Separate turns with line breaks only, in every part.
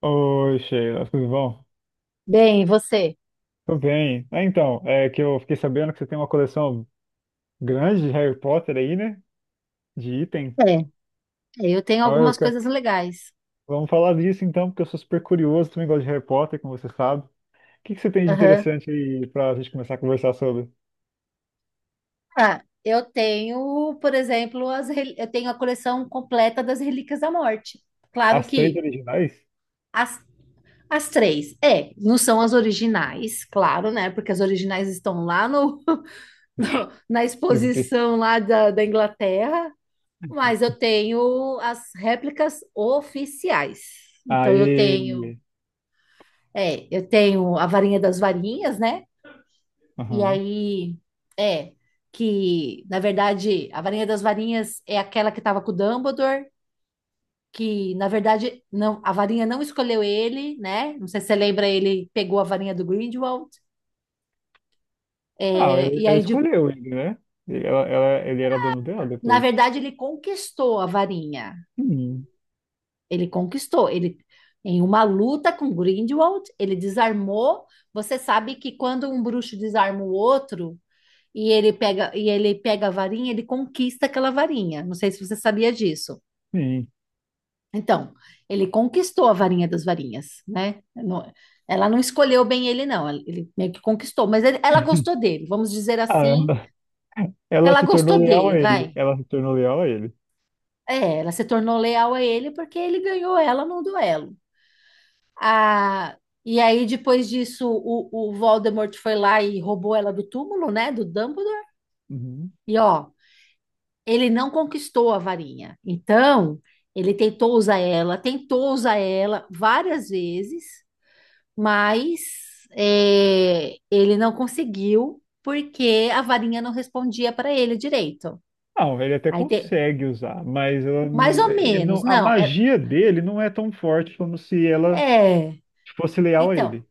Oi, Sheila, tudo bom?
Bem, e você?
Tudo bem. Ah, então, é que eu fiquei sabendo que você tem uma coleção grande de Harry Potter aí, né? De item.
É, eu tenho
Ah, eu
algumas
quero...
coisas legais.
Vamos falar disso então, porque eu sou super curioso, também gosto de Harry Potter, como você sabe. O que que você tem de
Aham.
interessante aí pra gente começar a conversar sobre?
Ah, eu tenho, por exemplo, eu tenho a coleção completa das Relíquias da Morte. Claro
As três
que
originais?
as, as três, não são as originais, claro, né? Porque as originais estão lá na exposição lá da Inglaterra, mas eu tenho as réplicas oficiais. Então
Aí.
eu tenho a varinha das varinhas, né? E
Aham.
aí, é, que, na verdade, a varinha das varinhas é aquela que estava com o Dumbledore, que, na verdade, não, a varinha não escolheu ele, né? Não sei se você lembra, ele pegou a varinha do Grindelwald,
Ah, ela,
e
ela
aí,
escolheu ele, né? Ele era dono dela
na
depois.
verdade, ele conquistou a varinha.
Sim,
Ele conquistou, ele... Em uma luta com Grindelwald, ele desarmou. Você sabe que quando um bruxo desarma o outro e ele pega a varinha, ele conquista aquela varinha. Não sei se você sabia disso.
sim.
Então, ele conquistou a varinha das varinhas, né? Ela não escolheu bem ele, não. Ele meio que conquistou, mas ela gostou dele, vamos dizer
Ah,
assim,
ela,
que
ela
ela
se
gostou
tornou leal
dele,
a
vai.
ele. Ela se tornou leal a ele.
É, ela se tornou leal a ele porque ele ganhou ela num duelo. Ah, e aí, depois disso, o Voldemort foi lá e roubou ela do túmulo, né? Do Dumbledore.
Uhum.
E ó, ele não conquistou a varinha. Então, ele tentou usar ela várias vezes. Mas ele não conseguiu porque a varinha não respondia para ele direito.
Não, ele até
Aí
consegue usar, mas ela
mais
não,
ou
ele
menos,
não- a
não,
magia dele não é tão forte como se ela
é,
fosse leal a
então,
ele.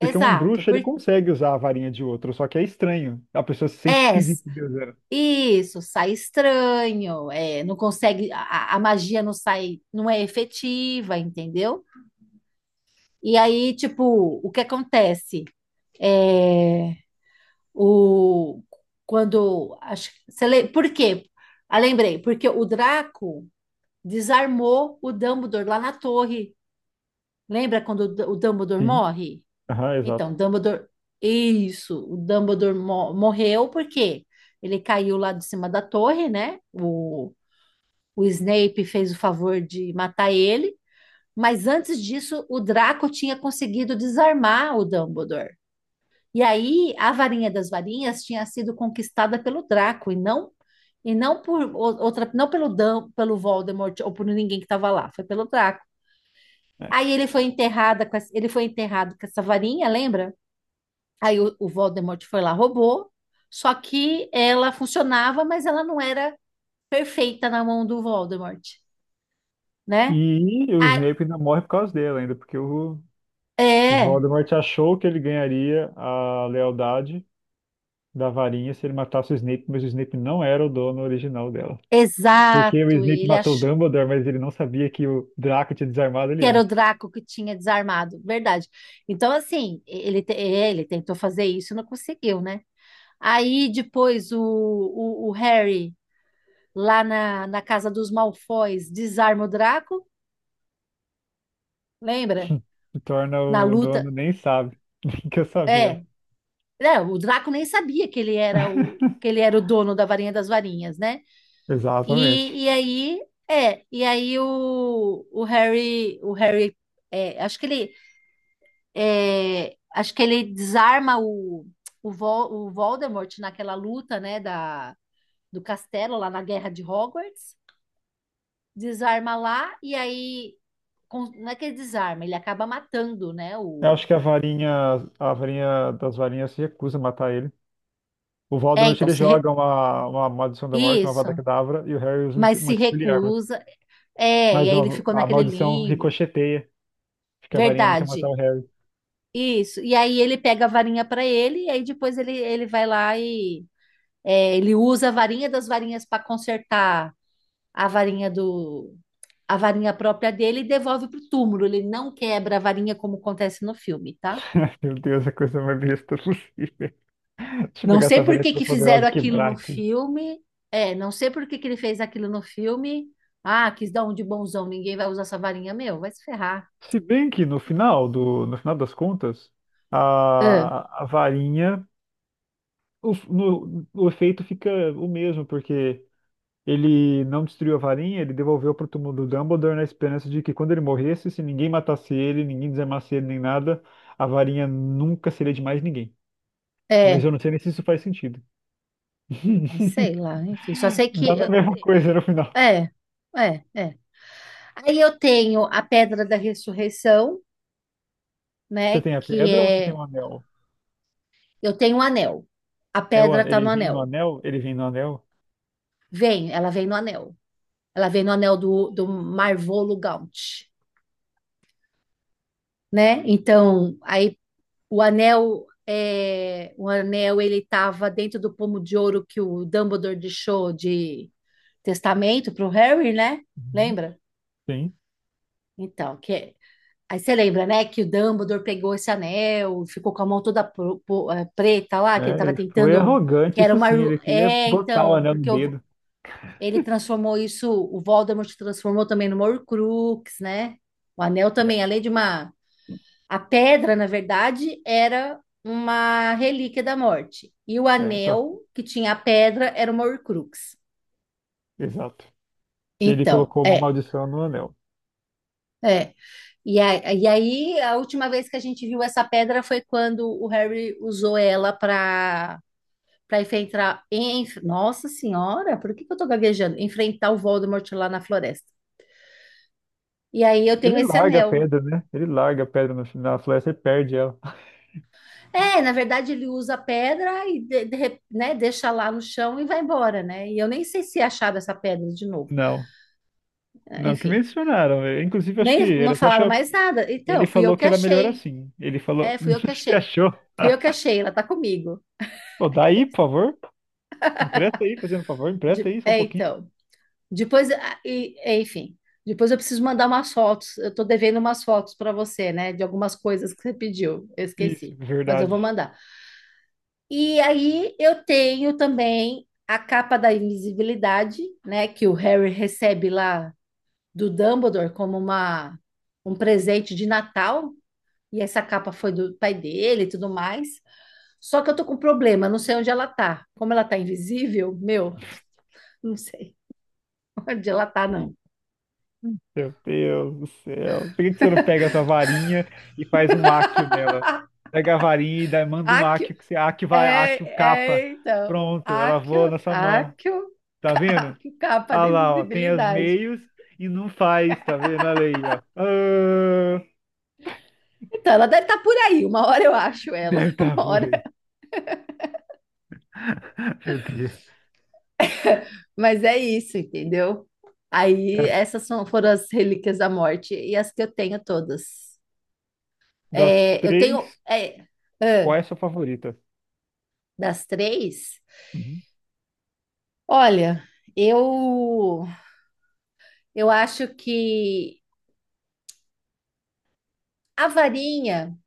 Porque um bruxo ele consegue usar a varinha de outro, só que é estranho. A pessoa se sente
é,
esquisita, Deus era.
isso, sai estranho, não consegue, a magia não sai, não é efetiva, entendeu? E aí, tipo, o que acontece? É, o, quando, acho, que- você le- Por quê? Ah, lembrei, porque o Draco desarmou o Dumbledore lá na torre. Lembra quando o Dumbledore
Sim,
morre?
aham,
Então,
exato.
Dumbledore. Isso, o Dumbledore morreu porque ele caiu lá de cima da torre, né? O Snape fez o favor de matar ele. Mas antes disso, o Draco tinha conseguido desarmar o Dumbledore. E aí, a varinha das varinhas tinha sido conquistada pelo Draco e não por outra, não pelo Voldemort ou por ninguém que estava lá, foi pelo Draco.
É.
Aí ele foi enterrado com essa varinha, lembra? Aí o Voldemort foi lá, roubou. Só que ela funcionava, mas ela não era perfeita na mão do Voldemort, né?
E o
Ah,
Snape ainda morre por causa dela, ainda, porque o
é,
Voldemort achou que ele ganharia a lealdade da varinha se ele matasse o Snape, mas o Snape não era o dono original dela. Porque o
exato.
Snape
Ele
matou o
achou
Dumbledore, mas ele não sabia que o Draco tinha desarmado
que
ele
era o
antes.
Draco que tinha desarmado, verdade. Então, assim, ele tentou fazer isso e não conseguiu, né? Aí depois o Harry, lá na casa dos Malfoys, desarma o Draco, lembra?
Se torna
Na
o dono,
luta,
nem sabe. Nem quer saber.
é, é, o Draco nem sabia que ele era o que ele era o dono da varinha das varinhas, né?
Exatamente.
E, e aí e aí o Harry, acho que ele desarma o Voldemort naquela luta, né, do castelo lá na Guerra de Hogwarts, desarma lá e aí não é que ele desarma, ele acaba matando, né,
Eu
o.
acho que a varinha das varinhas se recusa a matar ele. O
É,
Voldemort
então,
ele
se re-
joga uma maldição da morte, uma Avada
isso,
Kedavra, e o Harry usa
mas
uma
se
Expelliarmus.
recusa, é, e
Mas
aí ele
ó,
ficou
a
naquele
maldição
limbo.
ricocheteia, porque a varinha não quer matar
Verdade.
o Harry.
Isso. E aí ele pega a varinha para ele, e aí depois ele vai lá e ele usa a varinha das varinhas para consertar a varinha do a varinha própria dele e devolve pro túmulo. Ele não quebra a varinha como acontece no filme, tá?
Meu Deus, a coisa mais besta possível. Deixa eu
Não
pegar
sei
essa
por
varinha
que
toda
que
poderosa
fizeram
e
aquilo
quebrar
no
aqui.
filme. É, não sei por que que ele fez aquilo no filme. Ah, quis dar um de bonzão, ninguém vai usar essa varinha, meu, vai se ferrar.
Se bem que no final do, no final das contas,
Ah,
a varinha, o, no- o efeito fica o mesmo, porque ele não destruiu a varinha, ele devolveu para o túmulo do Dumbledore na esperança de que quando ele morresse, se ninguém matasse ele, ninguém desarmasse ele nem nada, a varinha nunca seria de mais ninguém. Mas
é,
eu não sei nem se isso faz sentido.
sei lá, enfim, só sei
Dá
que
a mesma coisa no final.
É, é, é. Aí eu tenho a Pedra da Ressurreição, né?
Você tem a
Que
pedra ou você tem
é.
o anel?
Eu tenho um anel. A pedra tá no
Ele vem no
anel.
anel? Ele vem no anel?
Vem, ela vem no anel. Ela vem no anel do Marvolo Gaunt, né? Então, aí o anel. É, o anel ele estava dentro do pomo de ouro que o Dumbledore deixou de testamento para o Harry, né?
Uhum.
Lembra?
Sim.
Então, que é. Aí você lembra, né, que o Dumbledore pegou esse anel, ficou com a mão toda preta lá, que ele
É,
estava
ele foi
tentando, que
arrogante,
era
isso
uma...
sim, ele queria
É,
botar o
então,
anel no dedo.
ele transformou isso, o Voldemort transformou também numa Horcrux, né? O anel
É,
também, além de uma... A pedra, na verdade, era uma relíquia da morte. E o
só,
anel que tinha a pedra era uma Horcrux.
exato. Que ele
Então,
colocou uma maldição no anel.
É. E, e aí, a última vez que a gente viu essa pedra foi quando o Harry usou ela para enfrentar. Nossa Senhora, por que que eu tô gaguejando? Enfrentar o Voldemort lá na floresta. E aí eu tenho
Ele
esse
larga a
anel.
pedra, né? Ele larga a pedra no, na floresta e perde ela.
É, na verdade ele usa a pedra e né, deixa lá no chão e vai embora, né? E eu nem sei se acharam essa pedra de novo.
Não,
É,
não que
enfim,
mencionaram. É, inclusive, acho que
nem não
ele até
falaram
achou.
mais nada. Então,
Ele
fui eu
falou
que
que era melhor
achei.
assim. Ele falou.
É, fui eu que
Você
achei.
achou?
Fui eu que
Ah,
achei, ela tá comigo.
pô, dá aí, por favor. Empresta aí, fazendo um favor, empresta aí só um
É,
pouquinho.
então. Depois, ah, enfim, depois eu preciso mandar umas fotos. Eu tô devendo umas fotos para você, né? De algumas coisas que você pediu. Eu
Isso,
esqueci, mas eu vou
verdade.
mandar. E aí eu tenho também a capa da invisibilidade, né? Que o Harry recebe lá do Dumbledore como um presente de Natal. E essa capa foi do pai dele e tudo mais. Só que eu tô com um problema, não sei onde ela tá. Como ela tá invisível, meu, não sei onde ela tá, não.
Meu Deus do céu. Por que que você não pega essa varinha e faz um áquio nela? Pega a varinha e manda um áquio, que você áquio vai, áquio
É,
capa.
é, então,
Pronto, ela voa na
Accio,
sua mão.
Accio,
Tá vendo?
Accio, capa
Ah
de
lá, ó, tem os
visibilidade.
meios e não faz, tá vendo? Olha aí, ó. Ah,
Então, ela deve estar por aí, uma hora eu acho ela,
deve estar
uma
por
hora,
aí. Meu Deus.
mas é isso, entendeu? Aí,
Das,
essas foram as relíquias da morte e as que eu tenho todas.
das
É, eu tenho,
três,
é,
qual
ah,
é a sua favorita?
das três,
Uhum.
olha, eu, eu acho que a varinha.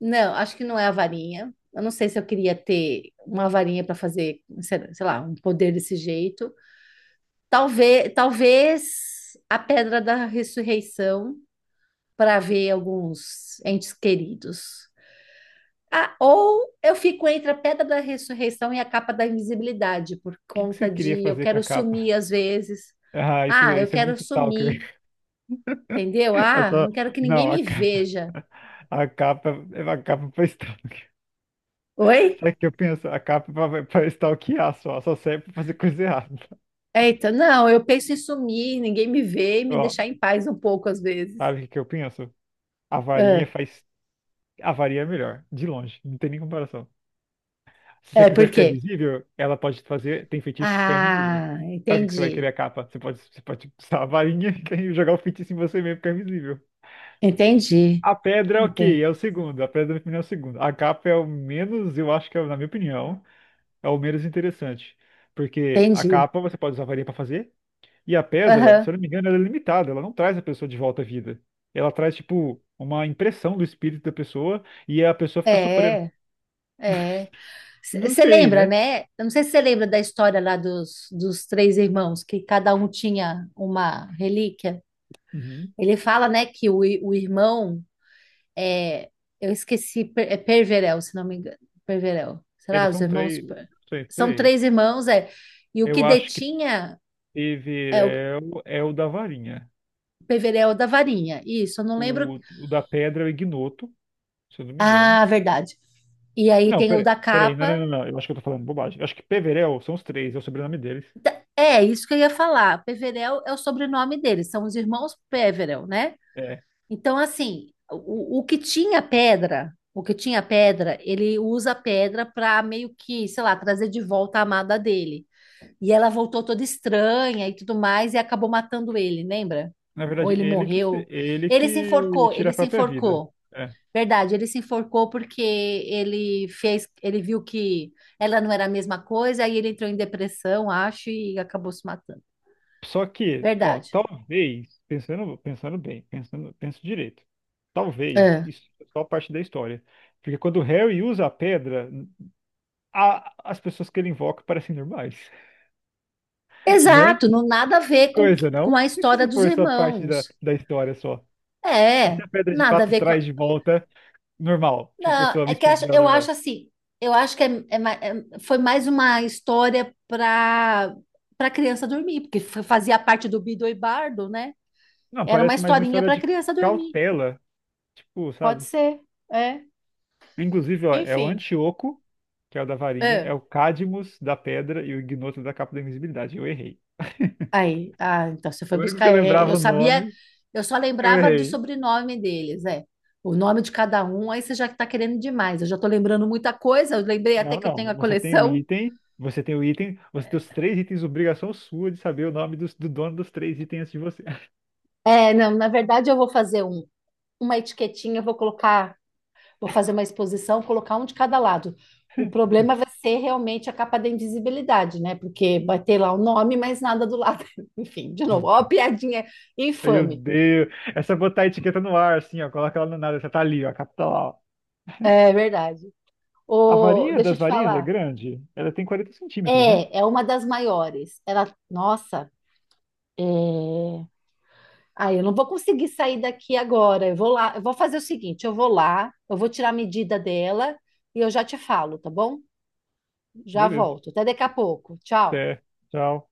Não, acho que não é a varinha. Eu não sei se eu queria ter uma varinha para fazer, sei lá, um poder desse jeito. Talvez, talvez a pedra da ressurreição para ver alguns entes queridos. Ah, ou eu fico entre a pedra da ressurreição e a capa da invisibilidade por
O que que você
conta
queria
de eu
fazer com a
quero
capa?
sumir às vezes.
Ah, isso,
Ah, eu
isso é
quero
muito
sumir,
stalker.
entendeu?
Eu
Ah,
tô-
não quero que ninguém
Não, a
me
capa,
veja.
a capa, a capa pra stalkear.
Oi?
Sabe o que eu penso? A capa pra, pra stalkear só, só serve pra fazer coisa errada.
Eita, não, eu penso em sumir, ninguém me vê e me
Ó,
deixar em paz um pouco às vezes.
sabe o que que eu penso? A varinha
É,
faz. A varinha é melhor, de longe, não tem nem comparação. Se você
é
quiser
por
ficar
quê?
invisível, ela pode fazer. Tem feitiço de ficar invisível.
Ah,
Para que que você vai querer
entendi,
a capa? Você pode usar a varinha e jogar o feitiço em você mesmo, ficar invisível.
entendi,
A pedra, é ok,
ente-
é o segundo. A pedra, na minha opinião, é o segundo. A capa é o menos, eu acho que é, na minha opinião. É o menos interessante. Porque a
entendi.
capa você pode usar varinha pra fazer, e a pedra, se
Aham,
eu não me engano, ela é limitada, ela não traz a pessoa de volta à vida. Ela traz, tipo, uma impressão do espírito da pessoa e a pessoa fica sofrendo.
é, é.
Não
Você
sei,
lembra,
né?
né? Eu não sei se você lembra da história lá dos três irmãos, que cada um tinha uma relíquia.
Uhum.
Ele fala, né, que o irmão é, eu esqueci, é Perverel, se não me engano. Perverel. Será?
Eles
Os
são
irmãos.
três. Não sei,
São
três.
três irmãos, é. E o que
Eu acho que
detinha é o
Peverel é o da varinha.
Perverel da varinha. Isso, eu não lembro.
O da pedra é o Ignoto, se eu não me engano.
Ah, verdade. E aí
Não,
tem o
peraí.
da
Peraí, não, não,
capa.
não, não. Eu acho que eu tô falando bobagem. Eu acho que Peverel são os três, é o sobrenome deles.
É, isso que eu ia falar. Peverel é o sobrenome deles, são os irmãos Peverel, né?
É,
Então, assim, o que tinha pedra, o que tinha pedra, ele usa a pedra para meio que, sei lá, trazer de volta a amada dele. E ela voltou toda estranha e tudo mais e acabou matando ele, lembra?
na
Ou
verdade,
ele
ele que se-
morreu.
ele
Ele se
que
enforcou,
tira
ele
a
se
própria vida.
enforcou.
É.
Verdade, ele se enforcou porque ele fez, ele viu que ela não era a mesma coisa, aí ele entrou em depressão, acho, e acabou se matando.
Só que, ó,
Verdade.
talvez, pensando, pensando bem, pensando, penso direito. Talvez
É.
isso é só parte da história. Porque quando o Harry usa a pedra, as pessoas que ele invoca parecem normais, né?
Exato, não nada a
Que
ver com,
coisa,
com
não?
a
E se
história
isso
dos
for só parte
irmãos.
da, da história só? E se
É,
a pedra de
nada a
fato
ver com.
traz de volta normal? Tipo,
Não,
pessoa, o
é que
espírito dela
eu acho
normal.
assim, eu acho que foi mais uma história para criança dormir, porque fazia parte do Bido e Bardo, né?
Não,
Era uma
parece mais uma
historinha
história
para
de
criança dormir.
cautela, tipo,
Pode
sabe?
ser, é.
Inclusive, ó, é o
Enfim,
Antíoco, que é o da varinha, é
é.
o Cadmus da pedra e o Ignoto da capa da invisibilidade. Eu errei.
Aí, ah, então você foi
O único
buscar.
que eu
É, eu
lembrava o
sabia,
nome,
eu só
eu
lembrava do
errei.
sobrenome deles, é. O nome de cada um, aí você já está querendo demais. Eu já estou lembrando muita coisa, eu lembrei até
Não,
que eu
não.
tenho a
Você tem o
coleção.
item, você tem o item, você tem os três itens, obrigação sua de saber o nome do dono dos três itens antes de você.
É, não, na verdade eu vou fazer uma etiquetinha, eu vou colocar. Vou fazer uma exposição, colocar um de cada lado. O problema vai ser realmente a capa da invisibilidade, né? Porque vai ter lá o nome, mas nada do lado. Enfim, de novo, ó, a piadinha
Meu
infame.
Deus. Essa botar a etiqueta no ar, assim, ó. Coloca ela no nada. Essa tá ali, ó. A capa tá lá, ó.
É verdade.
A
O,
varinha
deixa eu
das
te
varinhas é
falar.
grande. Ela tem 40 cm, né?
É, é uma das maiores. Ela, nossa, é... Ah, eu não vou conseguir sair daqui agora. Eu vou lá, eu vou fazer o seguinte, eu vou lá, eu vou tirar a medida dela e eu já te falo, tá bom? Já
Beleza.
volto. Até daqui a pouco. Tchau.
Até. Tchau.